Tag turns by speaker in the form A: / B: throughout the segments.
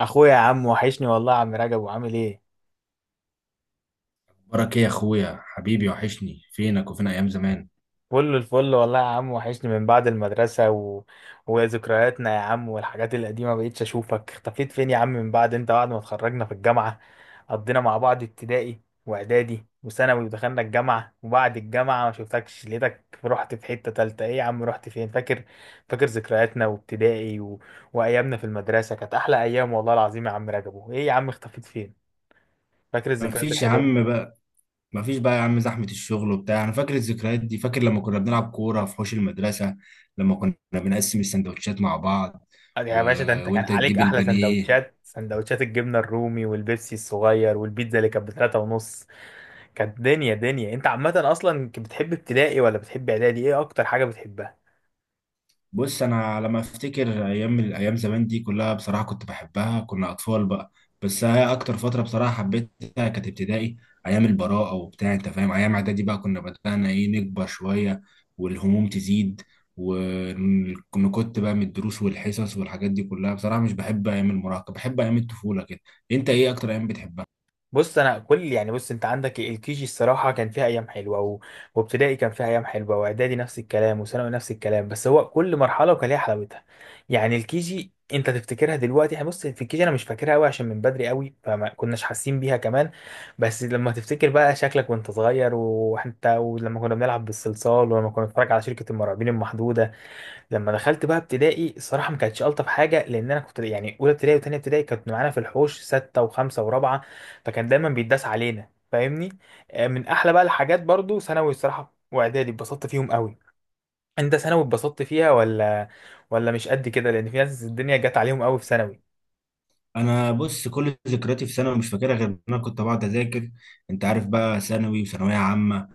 A: اخويا يا عم وحشني، والله يا عم رجب، وعامل ايه؟
B: بركة يا اخويا حبيبي، وحشني فينك وفين ايام زمان.
A: فل الفل والله يا عم. وحشني من بعد المدرسة وذكرياتنا يا عم والحاجات القديمة، مبقتش اشوفك. اختفيت فين يا عم من بعد انت بعد ما اتخرجنا في الجامعة؟ قضينا مع بعض ابتدائي واعدادي وثانوي ودخلنا الجامعة، وبعد الجامعة ما شفتكش، لقيتك رحت في حتة تالتة. ايه يا عم؟ رحت فين؟ فاكر؟ فاكر ذكرياتنا وابتدائي وايامنا في المدرسة، كانت احلى ايام والله العظيم يا عم رجب. ايه يا عم؟ اختفيت فين؟ فاكر الذكريات
B: مفيش يا
A: الحلوة.
B: عم بقى، مفيش بقى يا عم. زحمة الشغل وبتاع. انا فاكر الذكريات دي، فاكر لما كنا بنلعب كورة في حوش المدرسة، لما كنا بنقسم السندوتشات مع بعض و...
A: يا باشا، ده انت كان
B: وانت
A: عليك
B: تجيب
A: احلى
B: البانيه.
A: سندوتشات، سندوتشات الجبنه الرومي والبيبسي الصغير والبيتزا اللي كانت بتلاتة ونص. كانت دنيا دنيا. انت عامه اصلا كنت بتحب ابتدائي ولا بتحب اعدادي؟ ايه اكتر حاجه بتحبها؟
B: بص، انا لما افتكر ايام الايام زمان دي كلها بصراحه كنت بحبها، كنا اطفال بقى. بس هي اكتر فتره بصراحه حبيتها كانت ابتدائي، ايام البراءه وبتاع، انت فاهم. ايام اعدادي بقى كنا بدانا ايه، نكبر شويه والهموم تزيد، وكنت بقى من الدروس والحصص والحاجات دي كلها بصراحه مش بحب ايام المراهقه، بحب ايام الطفوله كده. انت ايه اكتر ايام بتحبها؟
A: بص انا كل يعني بص انت عندك الكي جي، الصراحه كان فيها ايام حلوه وابتدائي كان فيها ايام حلوه، واعدادي نفس الكلام، وثانوي نفس الكلام. بس هو كل مرحله وكان ليها حلاوتها. يعني الكي جي انت تفتكرها دلوقتي؟ يعني بص، في الكي جي انا مش فاكرها قوي عشان من بدري قوي، فما كناش حاسين بيها كمان. بس لما تفتكر بقى شكلك وانت صغير وانت ولما كنا بنلعب بالصلصال ولما كنا بنتفرج على شركه المرعبين المحدوده. لما دخلت بقى ابتدائي، الصراحه ما كانتش الطف حاجه، لان انا كنت يعني اولى ابتدائي وثانيه ابتدائي كانت معانا في الحوش سته وخمسه ورابعه، فكان دايما بيتداس علينا، فاهمني؟ من احلى بقى الحاجات برضو ثانوي الصراحه، واعدادي اتبسطت فيهم قوي. انت ثانوي اتبسطت فيها ولا ولا مش قد كده؟ لان في ناس الدنيا جت عليهم قوي في ثانوي.
B: انا بص، كل ذكرياتي في ثانوي مش فاكرها غير ان انا كنت بقعد اذاكر، انت عارف بقى، ثانوي وثانويه عامه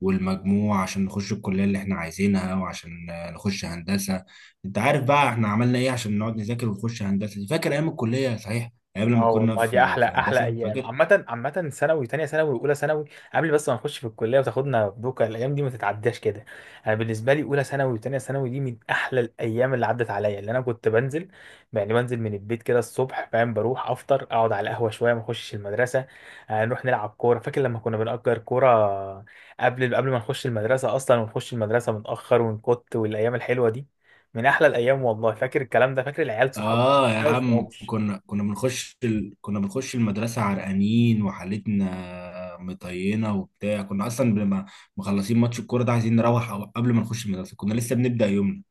B: والمجموع عشان نخش الكلية اللي احنا عايزينها، وعشان نخش هندسة. انت عارف بقى احنا عملنا ايه عشان نقعد نذاكر ونخش هندسة دي. فاكر ايام الكلية صحيح، ايام لما
A: اه
B: كنا
A: والله، دي
B: في
A: احلى
B: في
A: احلى
B: هندسة،
A: ايام
B: فاكر؟
A: عامه عامه، ثانوي، تانية ثانوي واولى ثانوي قبل بس ما نخش في الكليه وتاخدنا بوكا. الايام دي ما تتعداش كده. انا بالنسبه لي اولى ثانوي وتانية ثانوي دي من احلى الايام اللي عدت عليا. اللي انا كنت بنزل يعني بنزل من البيت كده الصبح، فاهم، بروح افطر، اقعد على القهوه شويه، ما اخشش المدرسه، نروح نلعب كوره. فاكر لما كنا بنأجر كوره قبل ما نخش المدرسه اصلا، ونخش المدرسه متاخر ونكت، والايام الحلوه دي من احلى الايام والله. فاكر الكلام ده؟ فاكر العيال صحابنا؟ ما
B: اه يا عم،
A: تتجاوزش.
B: كنا كنا بنخش المدرسة عرقانين وحالتنا مطينة وبتاع. كنا اصلا بنبقى مخلصين ماتش الكورة، ده عايزين نروح قبل ما نخش المدرسة كنا لسه بنبدأ يومنا،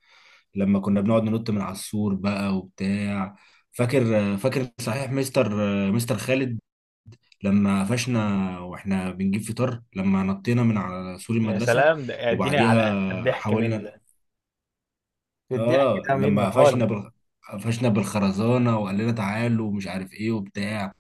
B: لما كنا بنقعد ننط من على السور بقى وبتاع. فاكر؟ صحيح مستر خالد لما قفشنا واحنا بنجيب فطار لما نطينا من على سور
A: يا
B: المدرسة،
A: سلام، ده اديني على
B: وبعديها
A: الضحك منه
B: حاولنا.
A: ده، الضحك
B: اه
A: ده منه
B: لما
A: خالص.
B: قفشنا بالخرزانة وقال لنا تعالوا ومش عارف ايه وبتاع.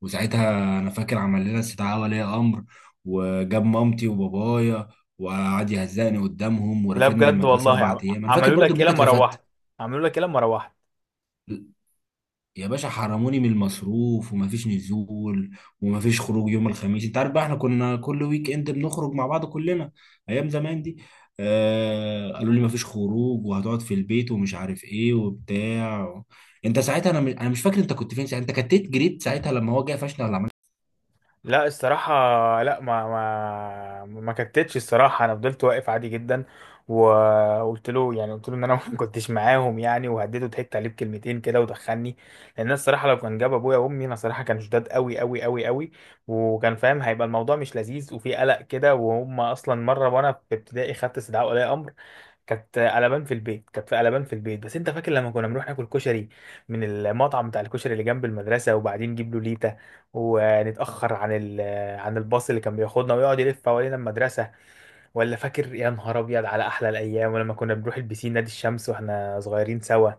B: وساعتها انا فاكر عمل لنا استدعاء ولي امر وجاب مامتي وبابايا وقعد يهزقني قدامهم
A: لا
B: ورفدني من
A: بجد
B: المدرسة
A: والله،
B: اربع ايام. انا فاكر
A: عملوا
B: برضو ان
A: لك ايه
B: انت
A: لما
B: اترفدت.
A: روحت؟ عملوا لك ايه لما روحت؟
B: يا باشا، حرموني من المصروف ومفيش نزول ومفيش خروج يوم الخميس، انت عارف بقى احنا كنا كل ويك اند بنخرج مع بعض كلنا ايام زمان دي. آه، قالوا لي مفيش خروج وهتقعد في البيت ومش عارف ايه وبتاع. انت ساعتها، انا مش فاكر انت كنت فين ساعتها، انت كتت جريت ساعتها لما هو جه قفشنا ولا؟
A: لا الصراحة، لا ما كتتش الصراحة، انا فضلت واقف عادي جدا، وقلت له يعني قلت له ان انا ما كنتش معاهم يعني، وهديته، ضحكت عليه بكلمتين كده ودخلني. لان أنا الصراحة لو كان جاب ابويا وامي، انا صراحة كان شداد قوي قوي قوي قوي، وكان فاهم هيبقى الموضوع مش لذيذ وفي قلق كده. وهم اصلا مرة وانا في ابتدائي خدت استدعاء ولي امر، كانت قلبان في البيت، كانت في قلبان في البيت. بس انت فاكر لما كنا بنروح ناكل كشري من المطعم بتاع الكشري اللي جنب المدرسه، وبعدين نجيب له ليته ونتاخر عن عن الباص اللي كان بياخدنا ويقعد يلف حوالين المدرسه؟ ولا فاكر يا نهار ابيض على احلى الايام ولما كنا بنروح البسين نادي الشمس واحنا صغيرين سوا؟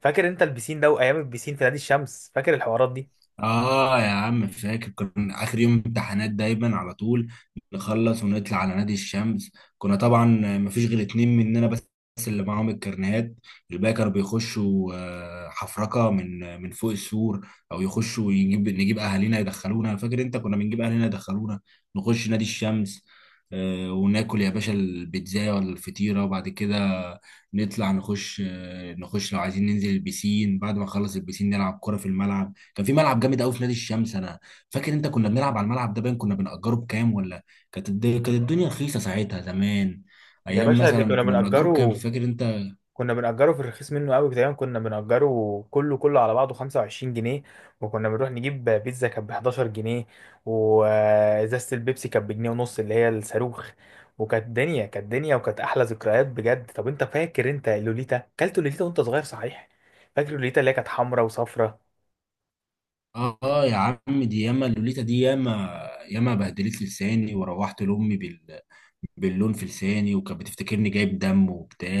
A: فاكر انت البسين ده وايام البسين في نادي الشمس؟ فاكر الحوارات دي؟
B: آه يا عم، فاكر كنا آخر يوم امتحانات دايما على طول نخلص ونطلع على نادي الشمس. كنا طبعا مفيش غير اتنين مننا بس اللي معاهم الكارنيهات، الباقي كانوا بيخشوا حفركة من فوق السور، أو يخشوا نجيب أهالينا يدخلونا. فاكر أنت كنا بنجيب أهالينا يدخلونا نخش نادي الشمس، وناكل يا باشا البيتزا ولا الفطيرة، وبعد كده نطلع نخش لو عايزين ننزل البسين، بعد ما نخلص البسين نلعب كرة في الملعب. كان في ملعب جامد قوي في نادي الشمس. انا فاكر انت كنا بنلعب على الملعب ده، باين كنا بنأجره بكام ولا؟ كانت الدنيا رخيصه ساعتها زمان.
A: يا
B: ايام
A: باشا، اللي
B: مثلا
A: كنا
B: كنا بنأجره بكام،
A: بنأجره،
B: فاكر انت؟
A: كنا بنأجره في الرخيص منه قوي، تقريبا كنا بنأجره كله على بعضه 25 جنيه، وكنا بنروح نجيب بيتزا كانت ب 11 جنيه، وإزازة البيبسي كانت بجنيه ونص اللي هي الصاروخ. وكانت دنيا كانت دنيا، وكانت أحلى ذكريات بجد. طب أنت فاكر أنت لوليتا، كلت لوليتا وأنت صغير صحيح؟ فاكر لوليتا اللي هي كانت حمراء وصفراء؟
B: اه آه يا عم، دي ياما اللوليتا دي ياما، ياما بهدلت لساني وروحت لامي باللون في لساني، وكانت بتفتكرني جايب دم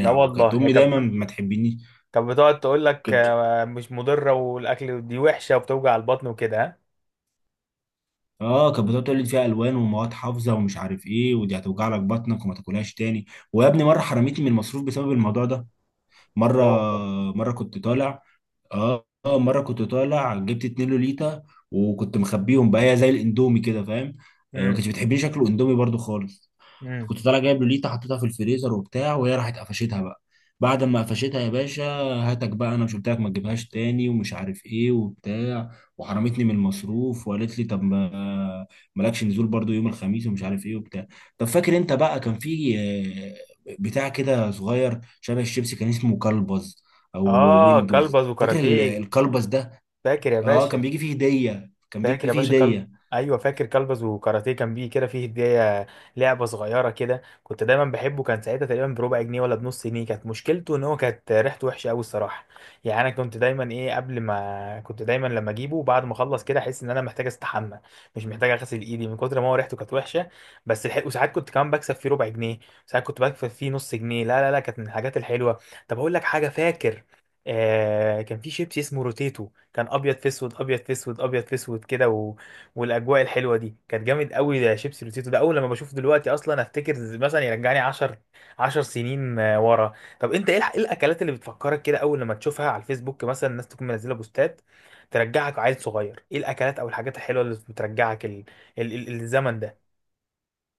A: لا والله،
B: وكانت
A: هي
B: امي
A: كانت
B: دايما ما تحبنيش.
A: كانت بتقعد تقول لك
B: كنت
A: مش مضرة والأكل دي وحشة وبتوجع البطن وكده، ها؟
B: اه كانت بتقعد تقول لي فيها الوان ومواد حافظه ومش عارف ايه، ودي هتوجع لك بطنك وما تاكلهاش تاني. ويا ابني، مره حرمتني من المصروف بسبب الموضوع ده. مره
A: لا والله.
B: مره كنت طالع مره كنت طالع جبت 2 لوليتا وكنت مخبيهم بقى زي الاندومي كده، فاهم؟ ما كانتش
A: امم.
B: بتحبني شكل الاندومي برضو خالص.
A: امم.
B: كنت طالع جايب لوليتا حطيتها في الفريزر وبتاع، وهي راحت قفشتها بقى. بعد ما قفشتها يا باشا، هاتك بقى، انا مش قلت لك ما تجيبهاش تاني ومش عارف ايه وبتاع، وحرمتني من المصروف وقالت لي طب ما مالكش نزول برضو يوم الخميس ومش عارف ايه وبتاع. طب فاكر انت بقى كان في بتاع كده صغير شبه الشيبسي كان اسمه كلبز او
A: اه،
B: ويندوز،
A: كلبز
B: فاكر
A: وكاراتيه.
B: الكلبز ده؟
A: فاكر يا
B: اه كان
A: باشا.
B: بيجي فيه هدية، كان
A: فاكر
B: بيجي
A: يا
B: فيه
A: باشا كلب،
B: هدية
A: ايوه فاكر كلبز وكاراتيه، كان بيه كده فيه هديه، لعبه صغيره كده، كنت دايما بحبه. كان ساعتها تقريبا بربع جنيه ولا بنص جنيه. كانت مشكلته ان هو كانت ريحته وحشه قوي الصراحه. يعني انا كنت دايما ايه، قبل ما كنت دايما لما اجيبه بعد ما اخلص كده احس ان انا محتاج استحمى، مش محتاج اغسل ايدي، من كتر ما هو ريحته كانت وحشه. بس وساعات كنت كمان بكسب فيه ربع جنيه، ساعات كنت بكسب فيه نص جنيه. لا، كانت من الحاجات الحلوه. طب اقول لك حاجه، فاكر آه كان في شيبسي اسمه روتيتو، كان ابيض في اسود ابيض في اسود ابيض في اسود كده، والاجواء الحلوه دي كانت جامد قوي. ده شيبسي روتيتو ده، اول لما بشوف دلوقتي اصلا افتكر، مثلا يرجعني 10 سنين ورا. طب انت ايه إيه الاكلات اللي بتفكرك كده اول لما تشوفها على الفيسبوك، مثلا الناس تكون منزله بوستات ترجعك عيل صغير؟ ايه الاكلات او الحاجات الحلوه اللي بترجعك الزمن ده؟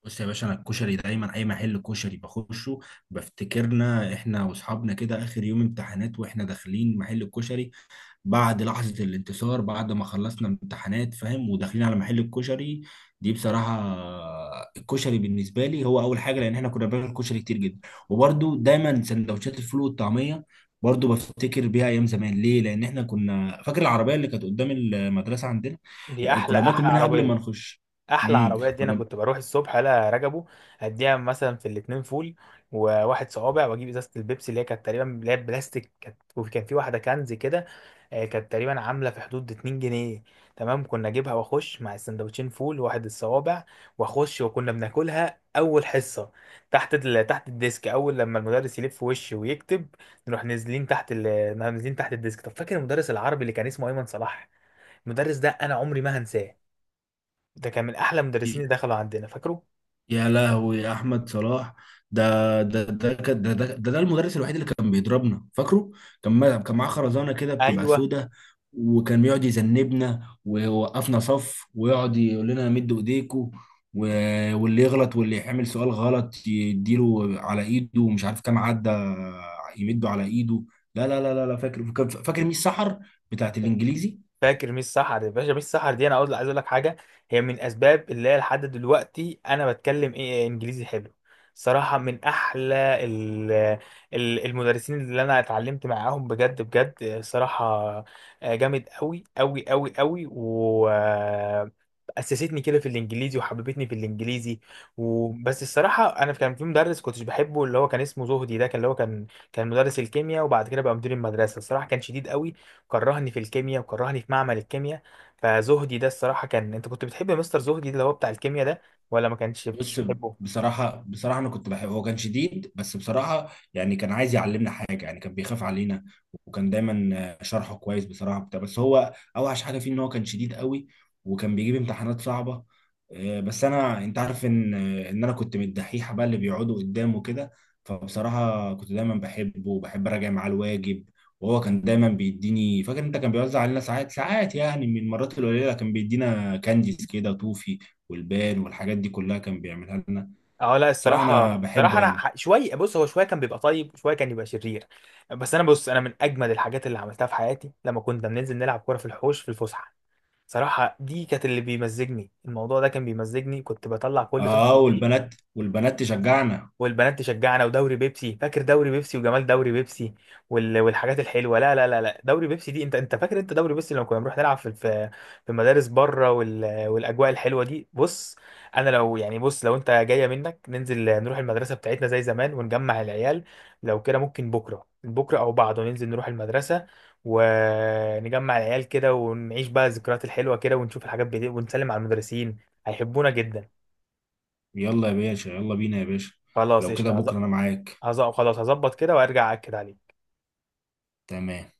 B: بص يا باشا، انا الكشري دايما اي محل كشري بخشه بفتكرنا احنا واصحابنا كده اخر يوم امتحانات واحنا داخلين محل الكشري، بعد لحظة الانتصار بعد ما خلصنا امتحانات فاهم، وداخلين على محل الكشري دي بصراحة. الكشري بالنسبة لي هو اول حاجة، لان احنا كنا بناكل كشري كتير جدا. وبرده دايما سندوتشات الفول والطعمية برضه بفتكر بيها ايام زمان، ليه؟ لان احنا كنا فاكر العربية اللي كانت قدام المدرسة عندنا،
A: دي احلى
B: كنا بناكل
A: احلى
B: منها قبل ما
A: عربيه،
B: نخش.
A: احلى
B: امم،
A: عربيه دي. انا
B: كنا
A: كنت بروح الصبح الا رجبه، اديها مثلا في الاتنين فول وواحد صوابع، واجيب ازازه البيبسي اللي هي كانت تقريبا اللي هي بلاستيك كانت، وكان في واحده كنز كده، كانت تقريبا عامله في حدود 2 جنيه. تمام، كنا اجيبها واخش مع السندوتشين فول واحد الصوابع، واخش وكنا بناكلها اول حصه تحت تحت الديسك، اول لما المدرس يلف وشي ويكتب نروح نازلين تحت نازلين تحت الديسك. طب فاكر المدرس العربي اللي كان اسمه ايمن صلاح؟ المدرس ده انا عمري ما هنساه، ده كان من احلى مدرسين اللي دخلوا عندنا. فاكره؟
B: يا لهوي يا احمد صلاح. ده ده ده كان- ده ده, ده, ده المدرس الوحيد اللي كان بيضربنا، فاكره؟ كان ما- كان معاه خرزانه كده بتبقى
A: ايوه
B: سودة، وكان يقعد يذنبنا ويوقفنا صف ويقعد يقول لنا مدوا ايديكم واللي يغلط واللي يعمل سؤال غلط يديله على ايده ومش عارف كام عدى، يمده على ايده. لا، فاكر ميس سحر بتاعت الانجليزي.
A: فاكر ميس سحر. يا باشا، ميس سحر دي انا اقول عايز اقول لك حاجه، هي من اسباب اللي هي لحد دلوقتي انا بتكلم ايه انجليزي حلو. صراحه من احلى المدرسين اللي انا اتعلمت معاهم، بجد بجد صراحه، جامد قوي قوي قوي قوي، و اسستني كده في الانجليزي وحببتني في الانجليزي. وبس الصراحه انا كان في مدرس كنتش بحبه اللي هو كان اسمه زهدي، ده كان اللي هو كان كان مدرس الكيمياء وبعد كده بقى مدير المدرسه. الصراحه كان شديد قوي، كرهني في الكيمياء وكرهني في معمل الكيمياء. فزهدي ده الصراحة، كان انت كنت بتحب مستر زهدي اللي هو بتاع الكيمياء ده ولا ما كانش
B: بص،
A: بتحبه؟
B: بصراحة أنا كنت بحبه، هو كان شديد بس بصراحة يعني كان عايز يعلمنا حاجة، يعني كان بيخاف علينا، وكان دايما شرحه كويس بصراحة بتاع بس هو أوحش حاجة فيه إن هو كان شديد قوي وكان بيجيب امتحانات صعبة. بس أنا، أنت عارف إن أنا كنت من الدحيحة بقى اللي بيقعدوا قدامه كده، فبصراحة كنت دايما بحبه وبحب أراجع معاه الواجب. وهو كان دايما بيديني، فاكر انت كان بيوزع علينا ساعات يعني، من المرات القليله كان بيدينا كانديز كده، توفي والبان والحاجات دي كلها كان بيعملها لنا.
A: اه لا
B: بصراحة أنا
A: الصراحة الصراحة
B: بحبه
A: انا
B: يعني.
A: شوية، بص هو شوية كان بيبقى طيب وشوية كان يبقى شرير. بس انا بص، انا من اجمد الحاجات اللي عملتها في حياتي لما كنا بننزل نلعب كورة في الحوش في الفسحة، صراحة دي كانت اللي بيمزجني، الموضوع ده كان بيمزجني، كنت بطلع كل
B: آه،
A: طاقتي فيه.
B: والبنات، والبنات تشجعنا.
A: والبنات تشجعنا، ودوري بيبسي. فاكر دوري بيبسي وجمال دوري بيبسي والحاجات الحلوه؟ لا، دوري بيبسي دي، انت انت فاكر انت دوري بيبسي لما كنا بنروح نلعب في في مدارس بره والاجواء الحلوه دي؟ بص انا لو يعني بص، لو انت جايه منك، ننزل نروح المدرسه بتاعتنا زي زمان ونجمع العيال. لو كده ممكن بكره بكره او بعده، ننزل نروح المدرسه ونجمع العيال كده ونعيش بقى الذكريات الحلوه كده، ونشوف الحاجات بدي، ونسلم على المدرسين، هيحبونا جدا.
B: يلا يا باشا، يلا بينا يا باشا،
A: خلاص
B: لو كده
A: قشطه،
B: بكرة أنا معاك.
A: خلاص هظبط كده وارجع اكد عليك.
B: تمام.